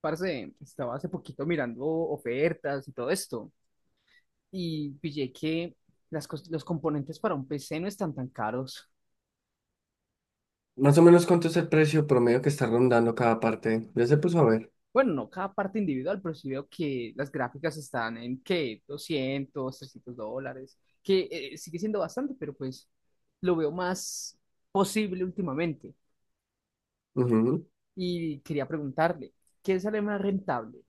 Parce, estaba hace poquito mirando ofertas y todo esto y pillé que los componentes para un PC no están tan caros. ¿Más o menos cuánto es el precio promedio que está rondando cada parte? Ya se puso a ver. Bueno, no cada parte individual, pero sí veo que las gráficas están en qué 200 $300, que sigue siendo bastante, pero pues lo veo más posible últimamente. Ujú. Y quería preguntarle, ¿qué sale más rentable?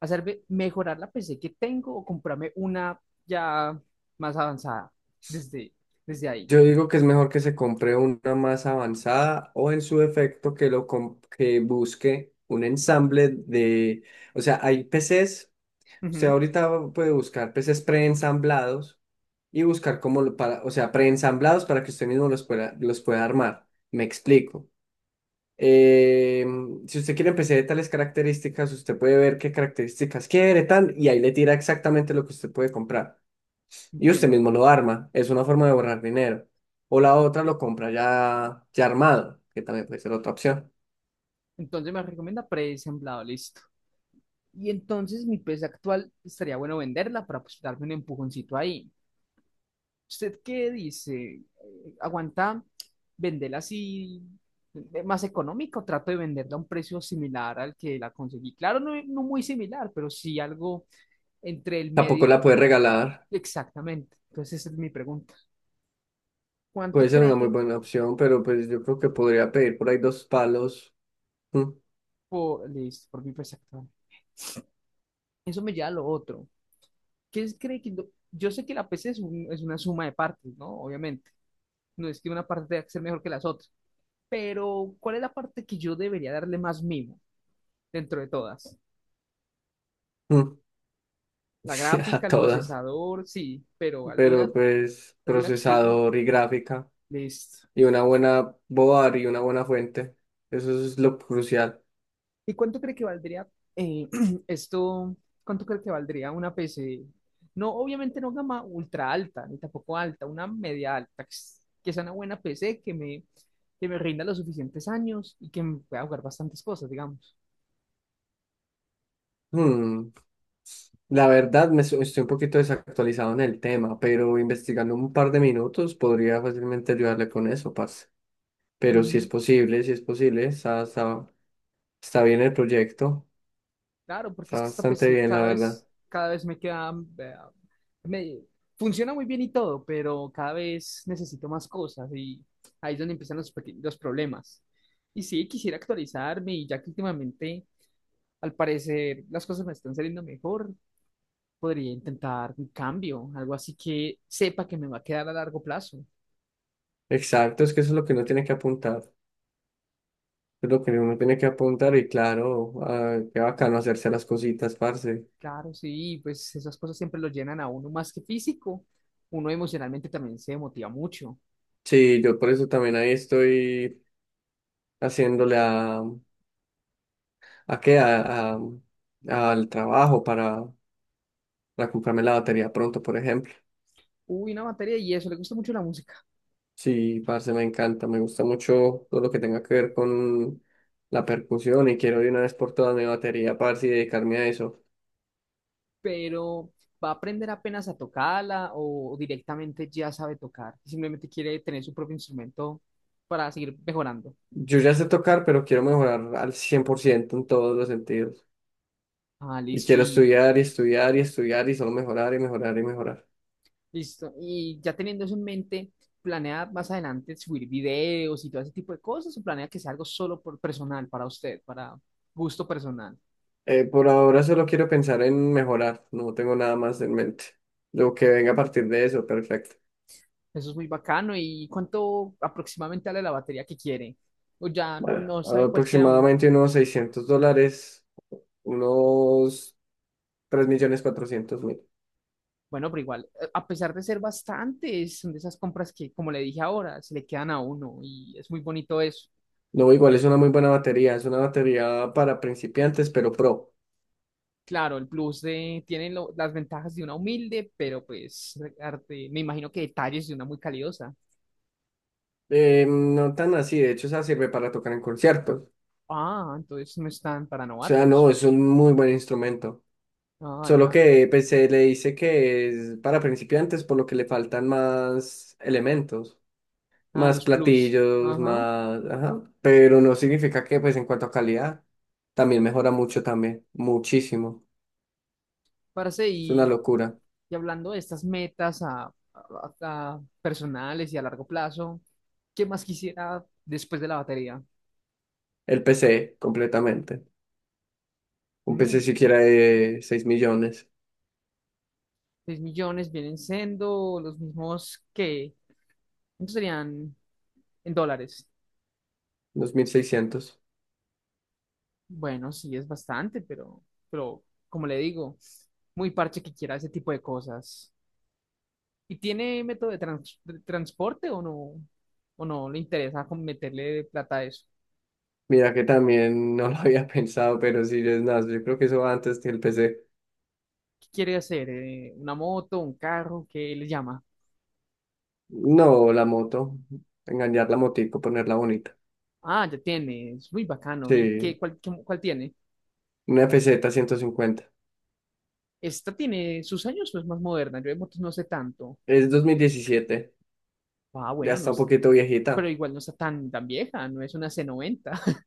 Hacerme mejorar la PC que tengo o comprarme una ya más avanzada desde, desde ahí. Yo digo que es mejor que se compre una más avanzada o en su defecto que busque un ensamble de, o sea, hay PCs, o sea, Ujú, ahorita puede buscar PCs preensamblados y buscar cómo lo para, o sea, preensamblados para que usted mismo los pueda armar. Me explico. Eh, si usted quiere empezar de tales características, usted puede ver qué características quiere, tal, y ahí le tira exactamente lo que usted puede comprar. Y usted entiendo. mismo lo arma, es una forma de ahorrar dinero. O la otra lo compra ya armado, que también puede ser otra opción. Entonces me recomienda presemblado, listo. Y entonces mi pez actual estaría bueno venderla para pues darme un empujoncito ahí. ¿Usted qué dice? ¿Aguanta venderla así más económico? Trato de venderla a un precio similar al que la conseguí. Claro, no, no muy similar, pero sí algo entre el Tampoco la medio. puede regalar, Exactamente. Entonces esa es mi pregunta. puede ¿Cuánto ser una cree muy que buena opción, pero pues yo creo que podría pedir por ahí dos palos mm, por, listo, por mi pez actual? Eso me lleva a lo otro. ¿Qué cree que yo sé que la PC es, es una suma de partes, ¿no? Obviamente. No es que una parte tenga que ser mejor que las otras. Pero, ¿cuál es la parte que yo debería darle más mimo dentro de todas? mm, La gráfica, a el todas, procesador, sí, pero alguna, pero pues alguna que se diga, procesador y gráfica. listo. Y una buena boar y una buena fuente. Eso es lo crucial. ¿Y cuánto cree que valdría eh, esto? ¿Cuánto cree que valdría una PC? No, obviamente no gama ultra alta, ni tampoco alta, una media alta, que que sea una buena PC que me rinda los suficientes años y que me pueda jugar bastantes cosas, digamos. Hmm, La verdad, estoy un poquito desactualizado en el tema, pero investigando un par de minutos podría fácilmente ayudarle con eso, parce. Pero si es Ujú. posible, si es posible, está bien el proyecto, Claro, porque está es que esta bastante PC bien, la cada verdad. vez, cada vez me queda, eh, me, funciona muy bien y todo, pero cada vez necesito más cosas y ahí es donde empiezan los problemas. Y sí, quisiera actualizarme y ya que últimamente, al parecer, las cosas me están saliendo mejor. Podría intentar un cambio, algo así que sepa que me va a quedar a largo plazo. Exacto, es que eso es lo que uno tiene que apuntar. Es lo que uno tiene que apuntar y claro, ah, qué bacano hacerse las cositas, parce. Claro, sí, pues esas cosas siempre lo llenan a uno más que físico. Uno emocionalmente también se motiva mucho. Sí, yo por eso también ahí estoy haciéndole. ¿A qué? Al trabajo para comprarme la batería pronto, por ejemplo. Uy, una materia y eso, le gusta mucho la música, Sí, parce, me encanta, me gusta mucho todo lo que tenga que ver con la percusión y quiero de una vez por todas mi batería, parce, y dedicarme a eso. pero va a aprender apenas a tocarla o directamente ya sabe tocar. Simplemente quiere tener su propio instrumento para seguir mejorando. Yo ya sé tocar, pero quiero mejorar al 100% en todos los sentidos. Ah, Y listo. quiero estudiar y estudiar y estudiar y solo mejorar y mejorar y mejorar. Listo. Y ya teniendo eso en mente, ¿planea más adelante subir videos y todo ese tipo de cosas o planea que sea algo solo por personal, para usted, para gusto personal? Por ahora solo quiero pensar en mejorar, no tengo nada más en mente. Lo que venga a partir de eso, perfecto. Eso es muy bacano. ¿Y cuánto aproximadamente vale la batería que quiere? O ya Bueno, no sabe cualquiera aún. aproximadamente unos 600 dólares, unos 3.400.000. Bueno, pero igual, a pesar de ser bastantes, son de esas compras que, como le dije ahora, se le quedan a uno y es muy bonito eso. No, igual es una muy buena batería, es una batería para principiantes, pero pro. Claro, el plus tiene las ventajas de una humilde, pero pues me imagino que detalles de una muy calidosa. No tan así, de hecho, esa sirve para tocar en conciertos. O Ah, entonces no están para sea, novatos. no, es un muy buen instrumento. Ah, Solo ya. que pues, se le dice que es para principiantes, por lo que le faltan más elementos. Ah, Más los plus. platillos, Ajá. más, ajá, pero no significa que pues en cuanto a calidad también mejora mucho también, muchísimo. Parce, Es una y, locura. y hablando de estas metas a personales y a largo plazo, ¿qué más quisiera después de la batería? El PC completamente. Un PC Mm, siquiera de 6.000.000, 6 millones vienen siendo los mismos que... ¿Cuántos serían en dólares? 2.600. Bueno, sí, es bastante, pero como le digo, muy parche que quiera ese tipo de cosas. ¿Y tiene método de transporte o no? ¿O no le interesa con meterle plata a eso? Mira que también no lo había pensado, pero sí es nada, yo creo que eso va antes que el PC. ¿Qué quiere hacer? ¿Una moto, un carro? ¿Qué le llama? No, la moto, engañar la motico, ponerla bonita. Ah, ya tiene, es muy bacano. ¿Y Sí, cuál tiene? una FZ 150. ¿Esta tiene sus años o es más moderna? Yo de motos no sé tanto. Es 2017, Ah, ya bueno, no está un es, poquito pero viejita. igual no está tan, tan vieja, no es una C90.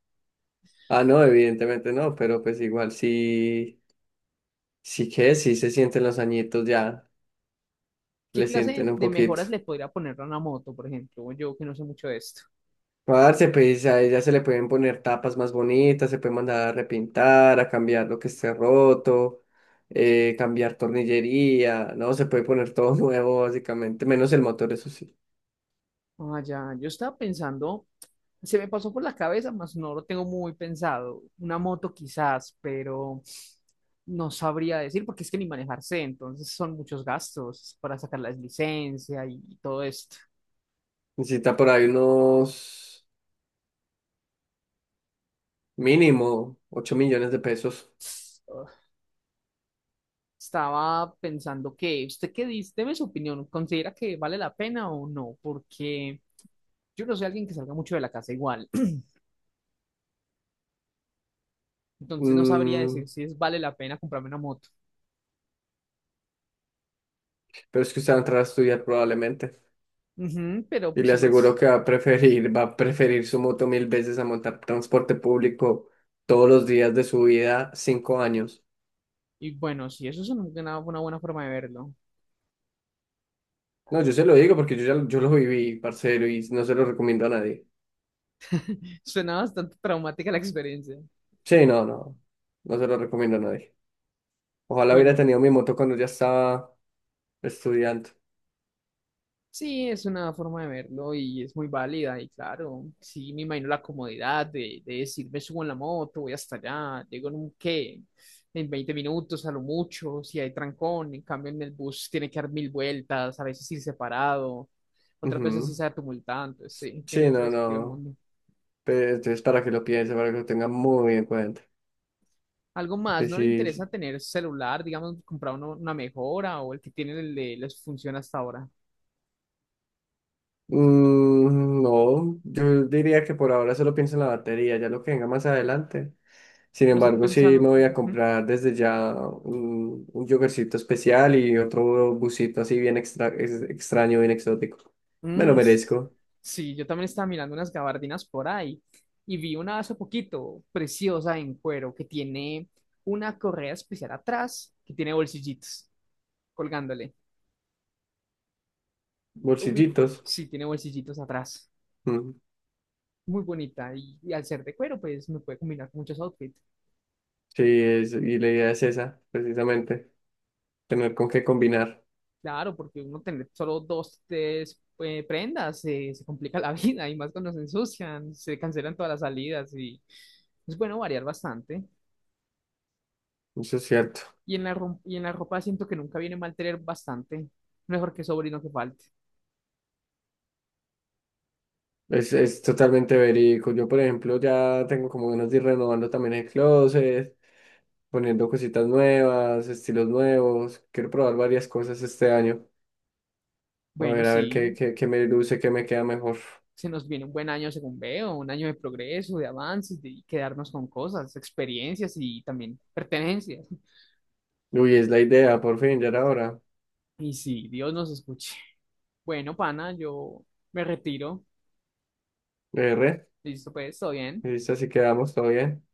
Ah, no, evidentemente no, pero pues igual sí, sí que sí se sienten los añitos ya, ¿Qué le sienten clase un de poquito. mejoras le podría poner a una moto, por ejemplo? Yo que no sé mucho de esto. Parce, pues a ella se le pueden poner tapas más bonitas, se puede mandar a repintar, a cambiar lo que esté roto, cambiar tornillería, no, se puede poner todo nuevo básicamente, menos el motor, eso sí. Ah, ya, yo estaba pensando, se me pasó por la cabeza, mas no lo tengo muy pensado. Una moto quizás, pero no sabría decir porque es que ni manejar sé, entonces son muchos gastos para sacar la licencia y todo esto. Necesita por ahí unos mínimo 8.000.000 de pesos. Ugh. Estaba pensando que, ¿usted qué dice? Deme su opinión, ¿considera que vale la pena o no? Porque yo no soy alguien que salga mucho de la casa igual, entonces no sabría Mm, decir si es vale la pena comprarme una moto. pero es que usted va a entrar a estudiar probablemente. Ujú, pero Y pues le igual. aseguro que va a preferir su moto mil veces a montar transporte público todos los días de su vida, 5 años. Y bueno, sí, eso es una buena forma de verlo. No, yo se lo digo porque yo lo viví, parcero, y no se lo recomiendo a nadie. Suena bastante traumática la experiencia. Sí, no, no, no se lo recomiendo a nadie. Ojalá hubiera Bueno, tenido mi moto cuando ya estaba estudiando. sí, es una forma de verlo y es muy válida. Y claro, sí, me imagino la comodidad de decir, me subo en la moto, voy hasta allá, llego en un qué, en 20 minutos a lo mucho, si hay trancón. En cambio, en el bus tiene que dar mil vueltas, a veces ir separado, otras veces sí Ujú. se tumultante. Sí, Sí, tiene todo no, el sentido del no. mundo. Entonces, para que lo piense, para que lo tenga muy en cuenta. Algo Que más, ¿no le interesa sí. tener celular, digamos, comprar una mejora o el que tiene les funciona hasta ahora? Mm, no, yo diría que por ahora solo pienso en la batería, ya lo que venga más adelante. Sin No está embargo, sí me pensando. voy a Ujú. comprar desde ya un, yogurcito especial y otro busito así bien extra, extraño, bien exótico. Me lo Mm, merezco. sí, yo también estaba mirando unas gabardinas por ahí y vi una hace poquito, preciosa en cuero, que tiene una correa especial atrás, que tiene bolsillitos colgándole. Ubi, Bolsillitos. sí, tiene bolsillitos atrás. Mm, Muy bonita y al ser de cuero, pues me puede combinar con muchos outfits. sí, y la idea es esa, precisamente, tener con qué combinar. Claro, porque uno tener solo dos, tres prendas se complica la vida y más cuando se ensucian, se cancelan todas las salidas y es bueno variar bastante. Eso es cierto. Y en la ropa siento que nunca viene mal tener bastante, mejor que sobre y no que falte. Es totalmente verídico. Yo, por ejemplo, ya tengo como ganas de ir renovando también el closet, poniendo cositas nuevas, estilos nuevos. Quiero probar varias cosas este año. Bueno, A ver qué, sí, qué, qué me luce, qué me queda mejor. se nos viene un buen año según veo, un año de progreso, de avances, de quedarnos con cosas, experiencias y también pertenencias. Uy, es la idea, por fin, ya era hora. Y sí, Dios nos escuche. Bueno, pana, yo me retiro. R, Listo, pues, todo bien. listo, así quedamos, todo bien.